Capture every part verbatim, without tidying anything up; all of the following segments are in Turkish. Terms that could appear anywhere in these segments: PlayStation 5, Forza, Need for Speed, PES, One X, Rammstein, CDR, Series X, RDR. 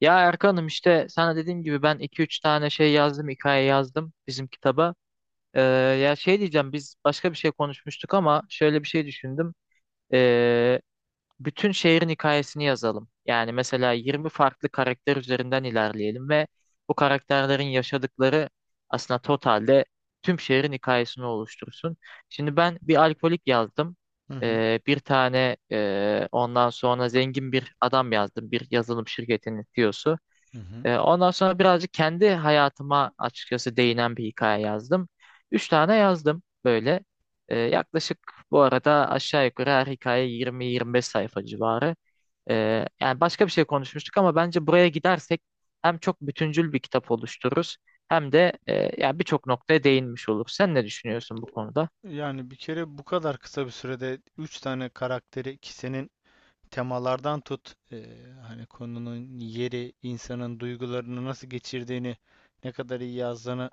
Ya Erkan'ım işte sana dediğim gibi ben iki üç tane şey yazdım, hikaye yazdım bizim kitaba. Ee, ya şey diyeceğim biz başka bir şey konuşmuştuk ama şöyle bir şey düşündüm. Ee, bütün şehrin hikayesini yazalım. Yani mesela yirmi farklı karakter üzerinden ilerleyelim ve bu karakterlerin yaşadıkları aslında totalde tüm şehrin hikayesini oluştursun. Şimdi ben bir alkolik yazdım. Hı hı. Ee, bir tane e, ondan sonra zengin bir adam yazdım. Bir yazılım şirketinin C E O'su. Hı hı. Ee, ondan sonra birazcık kendi hayatıma açıkçası değinen bir hikaye yazdım. Üç tane yazdım böyle. Ee, yaklaşık bu arada aşağı yukarı her hikaye yirmi yirmi beş sayfa civarı. Ee, yani başka bir şey konuşmuştuk ama bence buraya gidersek hem çok bütüncül bir kitap oluştururuz hem de e, yani birçok noktaya değinmiş oluruz. Sen ne düşünüyorsun bu konuda? Yani bir kere bu kadar kısa bir sürede üç tane karakteri ki senin temalardan tut eee, hani konunun yeri, insanın duygularını nasıl geçirdiğini, ne kadar iyi yazdığını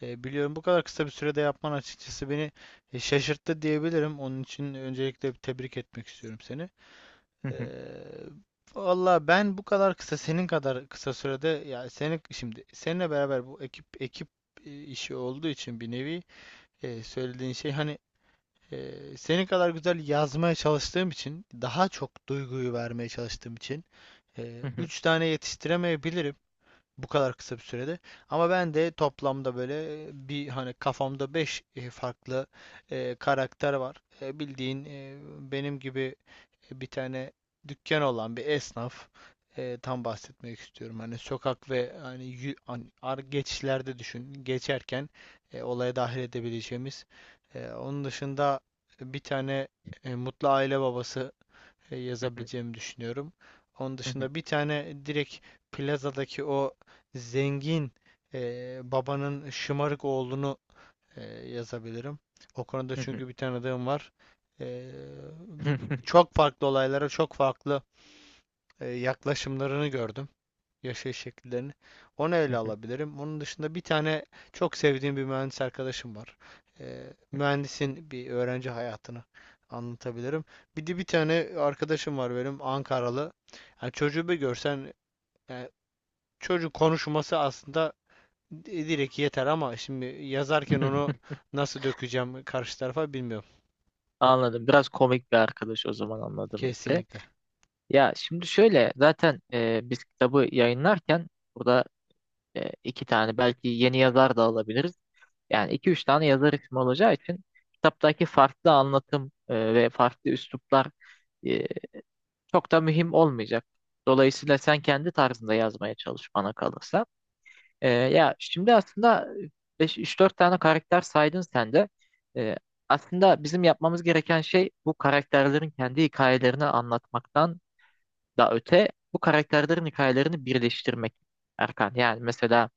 eee, biliyorum. Bu kadar kısa bir sürede yapman açıkçası beni e, şaşırttı diyebilirim. Onun için öncelikle bir tebrik etmek istiyorum seni. Hı hı, Eee valla ben bu kadar kısa senin kadar kısa sürede ya seni şimdi seninle beraber bu ekip ekip e, işi olduğu için bir nevi e, söylediğin şey hani e, senin kadar güzel yazmaya çalıştığım için daha çok duyguyu vermeye çalıştığım için hı e, hı, üç tane yetiştiremeyebilirim bu kadar kısa bir sürede. Ama ben de toplamda böyle e, bir hani kafamda beş e, farklı e, karakter var. E, bildiğin e, benim gibi bir tane dükkan olan bir esnaf, e, tam bahsetmek istiyorum. Hani sokak ve hani yü- an- ar- geçişlerde düşün. Geçerken e, olaya dahil edebileceğimiz. E, onun dışında bir tane e, mutlu aile babası e, hı hı, yazabileceğimi düşünüyorum. Onun hı hı, dışında bir tane direkt plazadaki o zengin e, babanın şımarık oğlunu e, yazabilirim. O konuda hı hı, çünkü bir tanıdığım var. E, hı hı, hı hı. Çok farklı olaylara çok farklı e, yaklaşımlarını gördüm. Yaşayış şekillerini. Onu ele alabilirim. Onun dışında bir tane çok sevdiğim bir mühendis arkadaşım var. E, mühendisin bir öğrenci hayatını anlatabilirim. Bir de bir tane arkadaşım var benim Ankaralı. Yani çocuğu bir görsen yani çocuğun konuşması aslında Di- direkt yeter ama şimdi yazarken onu nasıl dökeceğim karşı tarafa bilmiyorum. Anladım. Biraz komik bir arkadaş o zaman anladığıma göre. Kesinlikle. Ya şimdi şöyle zaten e, biz kitabı yayınlarken burada e, iki tane belki yeni yazar da alabiliriz. Yani iki üç tane yazar ismi olacağı için kitaptaki farklı anlatım e, ve farklı üsluplar e, çok da mühim olmayacak. Dolayısıyla sen kendi tarzında yazmaya çalış bana kalırsa. E, ya şimdi aslında üç dört tane karakter saydın sen de. E, aslında bizim yapmamız gereken şey bu karakterlerin kendi hikayelerini anlatmaktan da öte bu karakterlerin hikayelerini birleştirmek Erkan. Yani mesela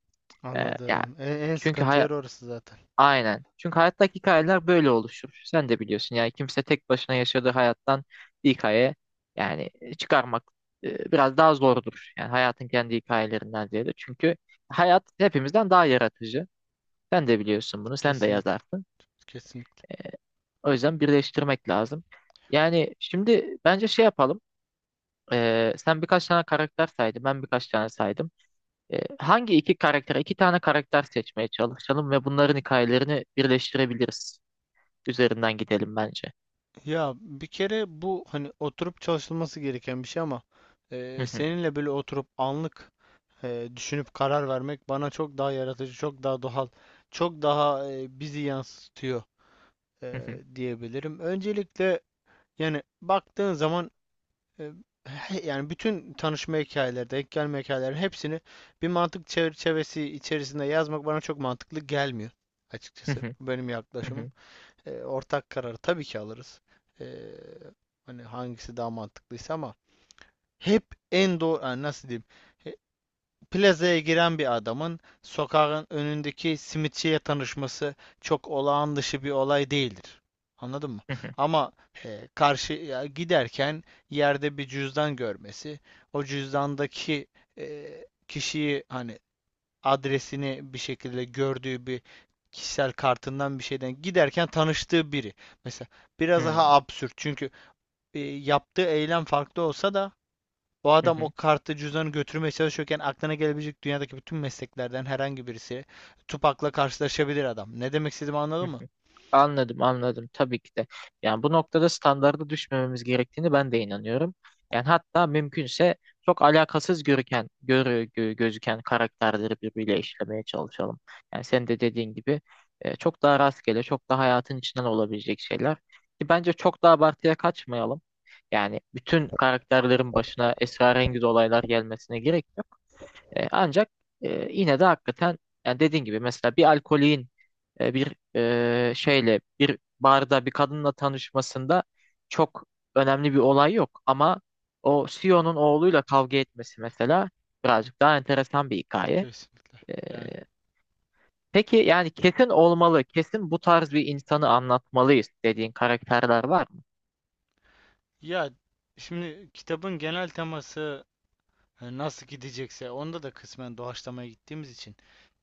e, ya Anladım. En, en çünkü sıkıntı hay yer orası zaten. aynen. Çünkü hayattaki hikayeler böyle oluşur. Sen de biliyorsun yani kimse tek başına yaşadığı hayattan bir hikaye yani e, çıkarmak e, biraz daha zordur. Yani hayatın kendi hikayelerinden ziyade. Çünkü hayat hepimizden daha yaratıcı. Sen de biliyorsun bunu. Sen de Kesinlikle. yazarsın. Kesinlikle. O yüzden birleştirmek lazım. Yani şimdi bence şey yapalım. E, sen birkaç tane karakter saydın. Ben birkaç tane saydım. E, hangi iki karakter, iki tane karakter seçmeye çalışalım ve bunların hikayelerini birleştirebiliriz. Üzerinden gidelim bence. Ya bir kere bu hani oturup çalışılması gereken bir şey ama e, seninle böyle oturup anlık e, düşünüp karar vermek bana çok daha yaratıcı, çok daha doğal, çok daha e, bizi yansıtıyor, e, diyebilirim. Öncelikle yani baktığın zaman e, he- yani bütün tanışma hikayeleri, denk gelme hikayeleri hepsini bir mantık çerçevesi içerisinde yazmak bana çok mantıklı gelmiyor açıkçası. Bu benim yaklaşımım. E, ortak kararı tabii ki alırız. E, Hani hangisi daha mantıklıysa ama hep en doğru yani nasıl diyeyim? E, Plazaya giren bir adamın sokağın önündeki simitçiye tanışması çok olağan dışı bir olay değildir. Anladın mı? Ama e, karşıya giderken yerde bir cüzdan görmesi, o cüzdandaki e, kişiyi hani adresini bir şekilde gördüğü bir kişisel kartından bir şeyden giderken tanıştığı biri. Mesela biraz daha absürt çünkü e, yaptığı eylem farklı olsa da o adam o kartı cüzdanı götürmeye çalışırken aklına gelebilecek dünyadaki bütün mesleklerden herhangi birisi Tupak'la karşılaşabilir adam. Ne demek istediğimi Hı anladın mı? hı. Anladım, anladım. Tabii ki de. Yani bu noktada standarda düşmememiz gerektiğini ben de inanıyorum. Yani hatta mümkünse çok alakasız görüken, görü, gö- gözüken karakterleri birbiriyle işlemeye çalışalım. Yani sen de dediğin gibi e, çok daha rastgele, çok daha hayatın içinden olabilecek şeyler. Ki bence çok da abartıya kaçmayalım. Yani bütün karakterlerin başına esrarengiz olaylar gelmesine gerek yok. E, ancak e, yine de hakikaten yani dediğin gibi mesela bir alkolin e, bir e, şeyle bir barda bir kadınla tanışmasında çok önemli bir olay yok ama o C E O'nun oğluyla kavga etmesi mesela birazcık daha enteresan bir hikaye. Kesinlikle. E, Yani peki yani kesin olmalı, kesin bu tarz bir insanı anlatmalıyız dediğin karakterler var mı? ya şimdi kitabın genel teması hani nasıl gidecekse onda da kısmen doğaçlamaya gittiğimiz için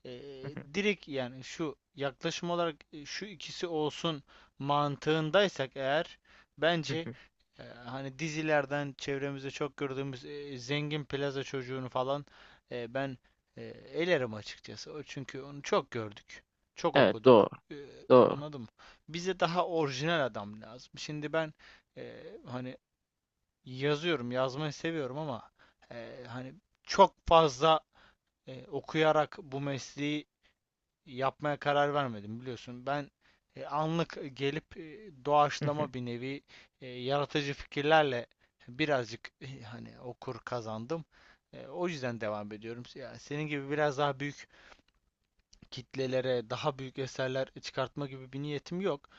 eee, direkt yani şu yaklaşım olarak e, şu ikisi olsun mantığındaysak eğer bence e, hani dizilerden çevremizde çok gördüğümüz e, zengin plaza çocuğunu falan e, ben e, elerim açıkçası. O çünkü onu çok gördük. Çok Evet, okuduk. doğru. E, Doğru. Anladın. Bize daha orijinal adam lazım. Şimdi ben e, hani yazıyorum, yazmayı seviyorum ama e, hani çok fazla e, okuyarak bu mesleği yapmaya karar vermedim biliyorsun. Ben e, anlık gelip e, Hı hı, doğaçlama bir nevi e, yaratıcı fikirlerle birazcık e, hani okur kazandım. E, o yüzden devam ediyorum. Yani senin gibi biraz daha büyük kitlelere, daha büyük eserler çıkartma gibi bir niyetim yok.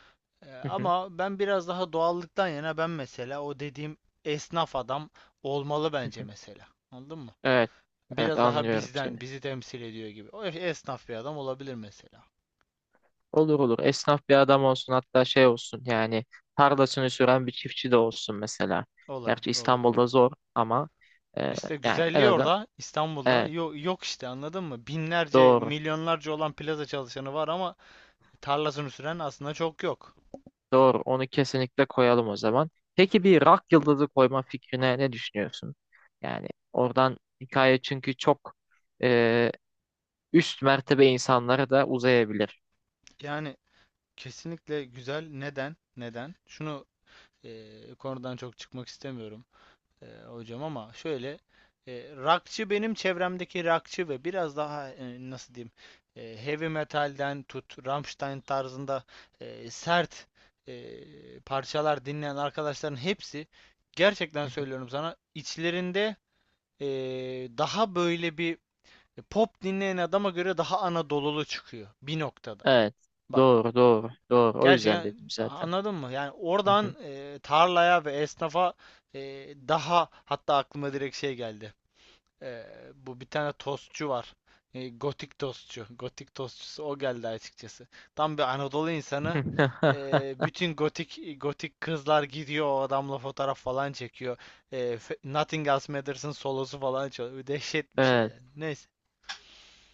Ee, hı hı, Ama ben biraz daha doğallıktan yana ben mesela o dediğim esnaf adam olmalı hı bence hı. mesela. Anladın mı? Evet. Evet Biraz daha anlıyorum seni. bizden, bizi temsil ediyor gibi. O esnaf bir adam olabilir mesela. Olur olur. Esnaf bir adam olsun hatta şey olsun yani tarlasını süren bir çiftçi de olsun mesela. Gerçi Olabilir, olabilir. İstanbul'da zor ama e, İşte yani en güzelliği azından orada İstanbul'da evet yok, yok işte anladın mı? Binlerce, doğru. milyonlarca olan plaza çalışanı var ama tarlasını süren aslında çok yok. Doğru. Onu kesinlikle koyalım o zaman. Peki bir rock yıldızı koyma fikrine ne düşünüyorsun? Yani oradan hikaye çünkü çok e, üst mertebe insanlara da uzayabilir. Yani kesinlikle güzel. Neden? Neden? Şunu eee, konudan çok çıkmak istemiyorum. E, hocam ama şöyle e, rockçı benim çevremdeki rockçı ve biraz daha e, nasıl diyeyim e, heavy metalden tut Rammstein tarzında e, sert e, parçalar dinleyen arkadaşların hepsi gerçekten Hı hı. söylüyorum sana içlerinde e, daha böyle bir pop dinleyen adama göre daha Anadolulu çıkıyor bir noktada. Evet. Bak Doğru, doğru, doğru. O yüzden dedim gerçekten zaten. anladın mı? Yani Hı hı. oradan e, tarlaya ve esnafa e, daha hatta aklıma direkt şey geldi. Ee, Bu bir tane tostçu var. Ee, gotik tostçu. Gotik tostçusu o geldi açıkçası. Tam bir Anadolu insanı. Ee, bütün gotik gotik kızlar gidiyor o adamla fotoğraf falan çekiyor. Ee, Fe- Nothing Else Matters'ın solosu falan çalıyor. Dehşet bir şey yani. Evet. Neyse.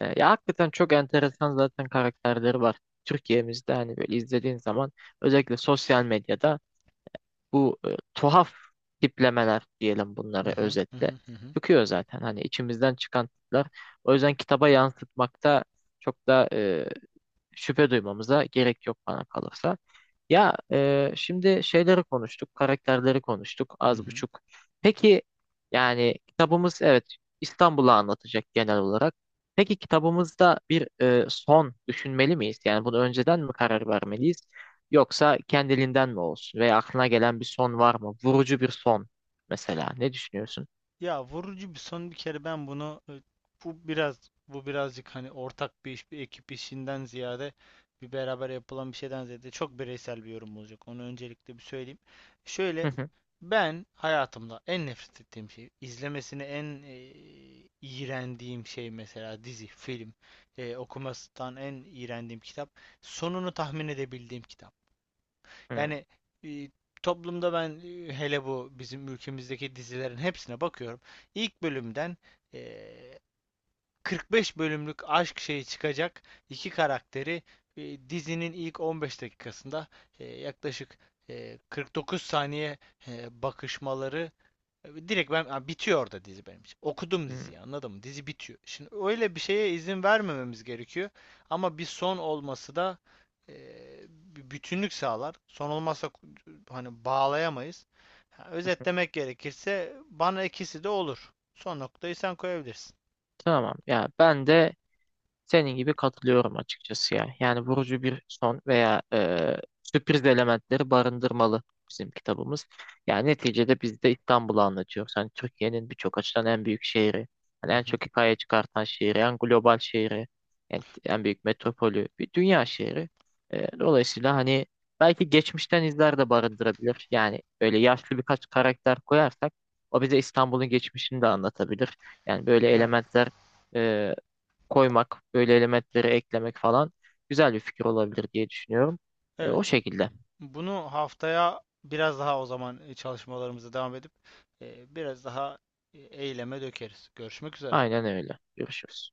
E, ya hakikaten çok enteresan zaten karakterleri var. Türkiye'mizde hani böyle izlediğin zaman özellikle sosyal medyada bu e, tuhaf tiplemeler diyelim Hı bunları hı hı hı özetle hı hı. çıkıyor zaten hani içimizden çıkan tipler. O yüzden kitaba yansıtmakta çok da e, şüphe duymamıza gerek yok bana kalırsa. Ya e, şimdi şeyleri konuştuk, karakterleri konuştuk hı az hı. buçuk. Peki yani kitabımız evet İstanbul'u anlatacak genel olarak. Peki kitabımızda bir e, son düşünmeli miyiz? Yani bunu önceden mi karar vermeliyiz? Yoksa kendiliğinden mi olsun? Veya aklına gelen bir son var mı? Vurucu bir son mesela. Ne düşünüyorsun? Ya vurucu bir son bir kere ben bunu e, bu biraz bu birazcık hani ortak bir iş bir ekip işinden ziyade bir beraber yapılan bir şeyden ziyade çok bireysel bir yorum olacak. Onu öncelikle bir söyleyeyim. Hı Şöyle hı. ben hayatımda en nefret ettiğim şey izlemesini en e, iğrendiğim şey mesela dizi, film, e, okumasından en iğrendiğim kitap, sonunu tahmin edebildiğim kitap. Hı Yani e, toplumda ben e, hele bu bizim ülkemizdeki dizilerin hepsine bakıyorum. İlk bölümden e, kırk beş bölümlük aşk şeyi çıkacak iki karakteri e, dizinin ilk on beş dakikasında e, yaklaşık e, kırk dokuz saniye e, bakışmaları. Direkt ben ha, bitiyor orada dizi benim için. Okudum hı. diziyi anladın mı? Dizi bitiyor. Şimdi öyle bir şeye izin vermememiz gerekiyor. Ama bir son olması da e, bir bütünlük sağlar. Son olmazsa hani bağlayamayız. Ha, özetlemek gerekirse bana ikisi de olur. Son noktayı sen koyabilirsin. Tamam. Ya ben de senin gibi katılıyorum açıkçası ya. Yani vurucu bir son veya e, sürpriz elementleri barındırmalı bizim kitabımız. Yani neticede biz de İstanbul'u anlatıyoruz. Hani Türkiye'nin birçok açıdan en büyük şehri, hani Hı en hı. çok hikaye çıkartan şehri, en global şehri, en, en büyük metropolü, bir dünya şehri. E, dolayısıyla hani belki geçmişten izler de barındırabilir. Yani öyle yaşlı birkaç karakter koyarsak o bize İstanbul'un geçmişini de anlatabilir. Yani böyle Yani elementler e, koymak, böyle elementleri eklemek falan güzel bir fikir olabilir diye düşünüyorum. E, evet. o şekilde. Bunu haftaya biraz daha o zaman e, çalışmalarımıza devam edip e, biraz daha e, eyleme dökeriz. Görüşmek üzere. Aynen öyle. Görüşürüz.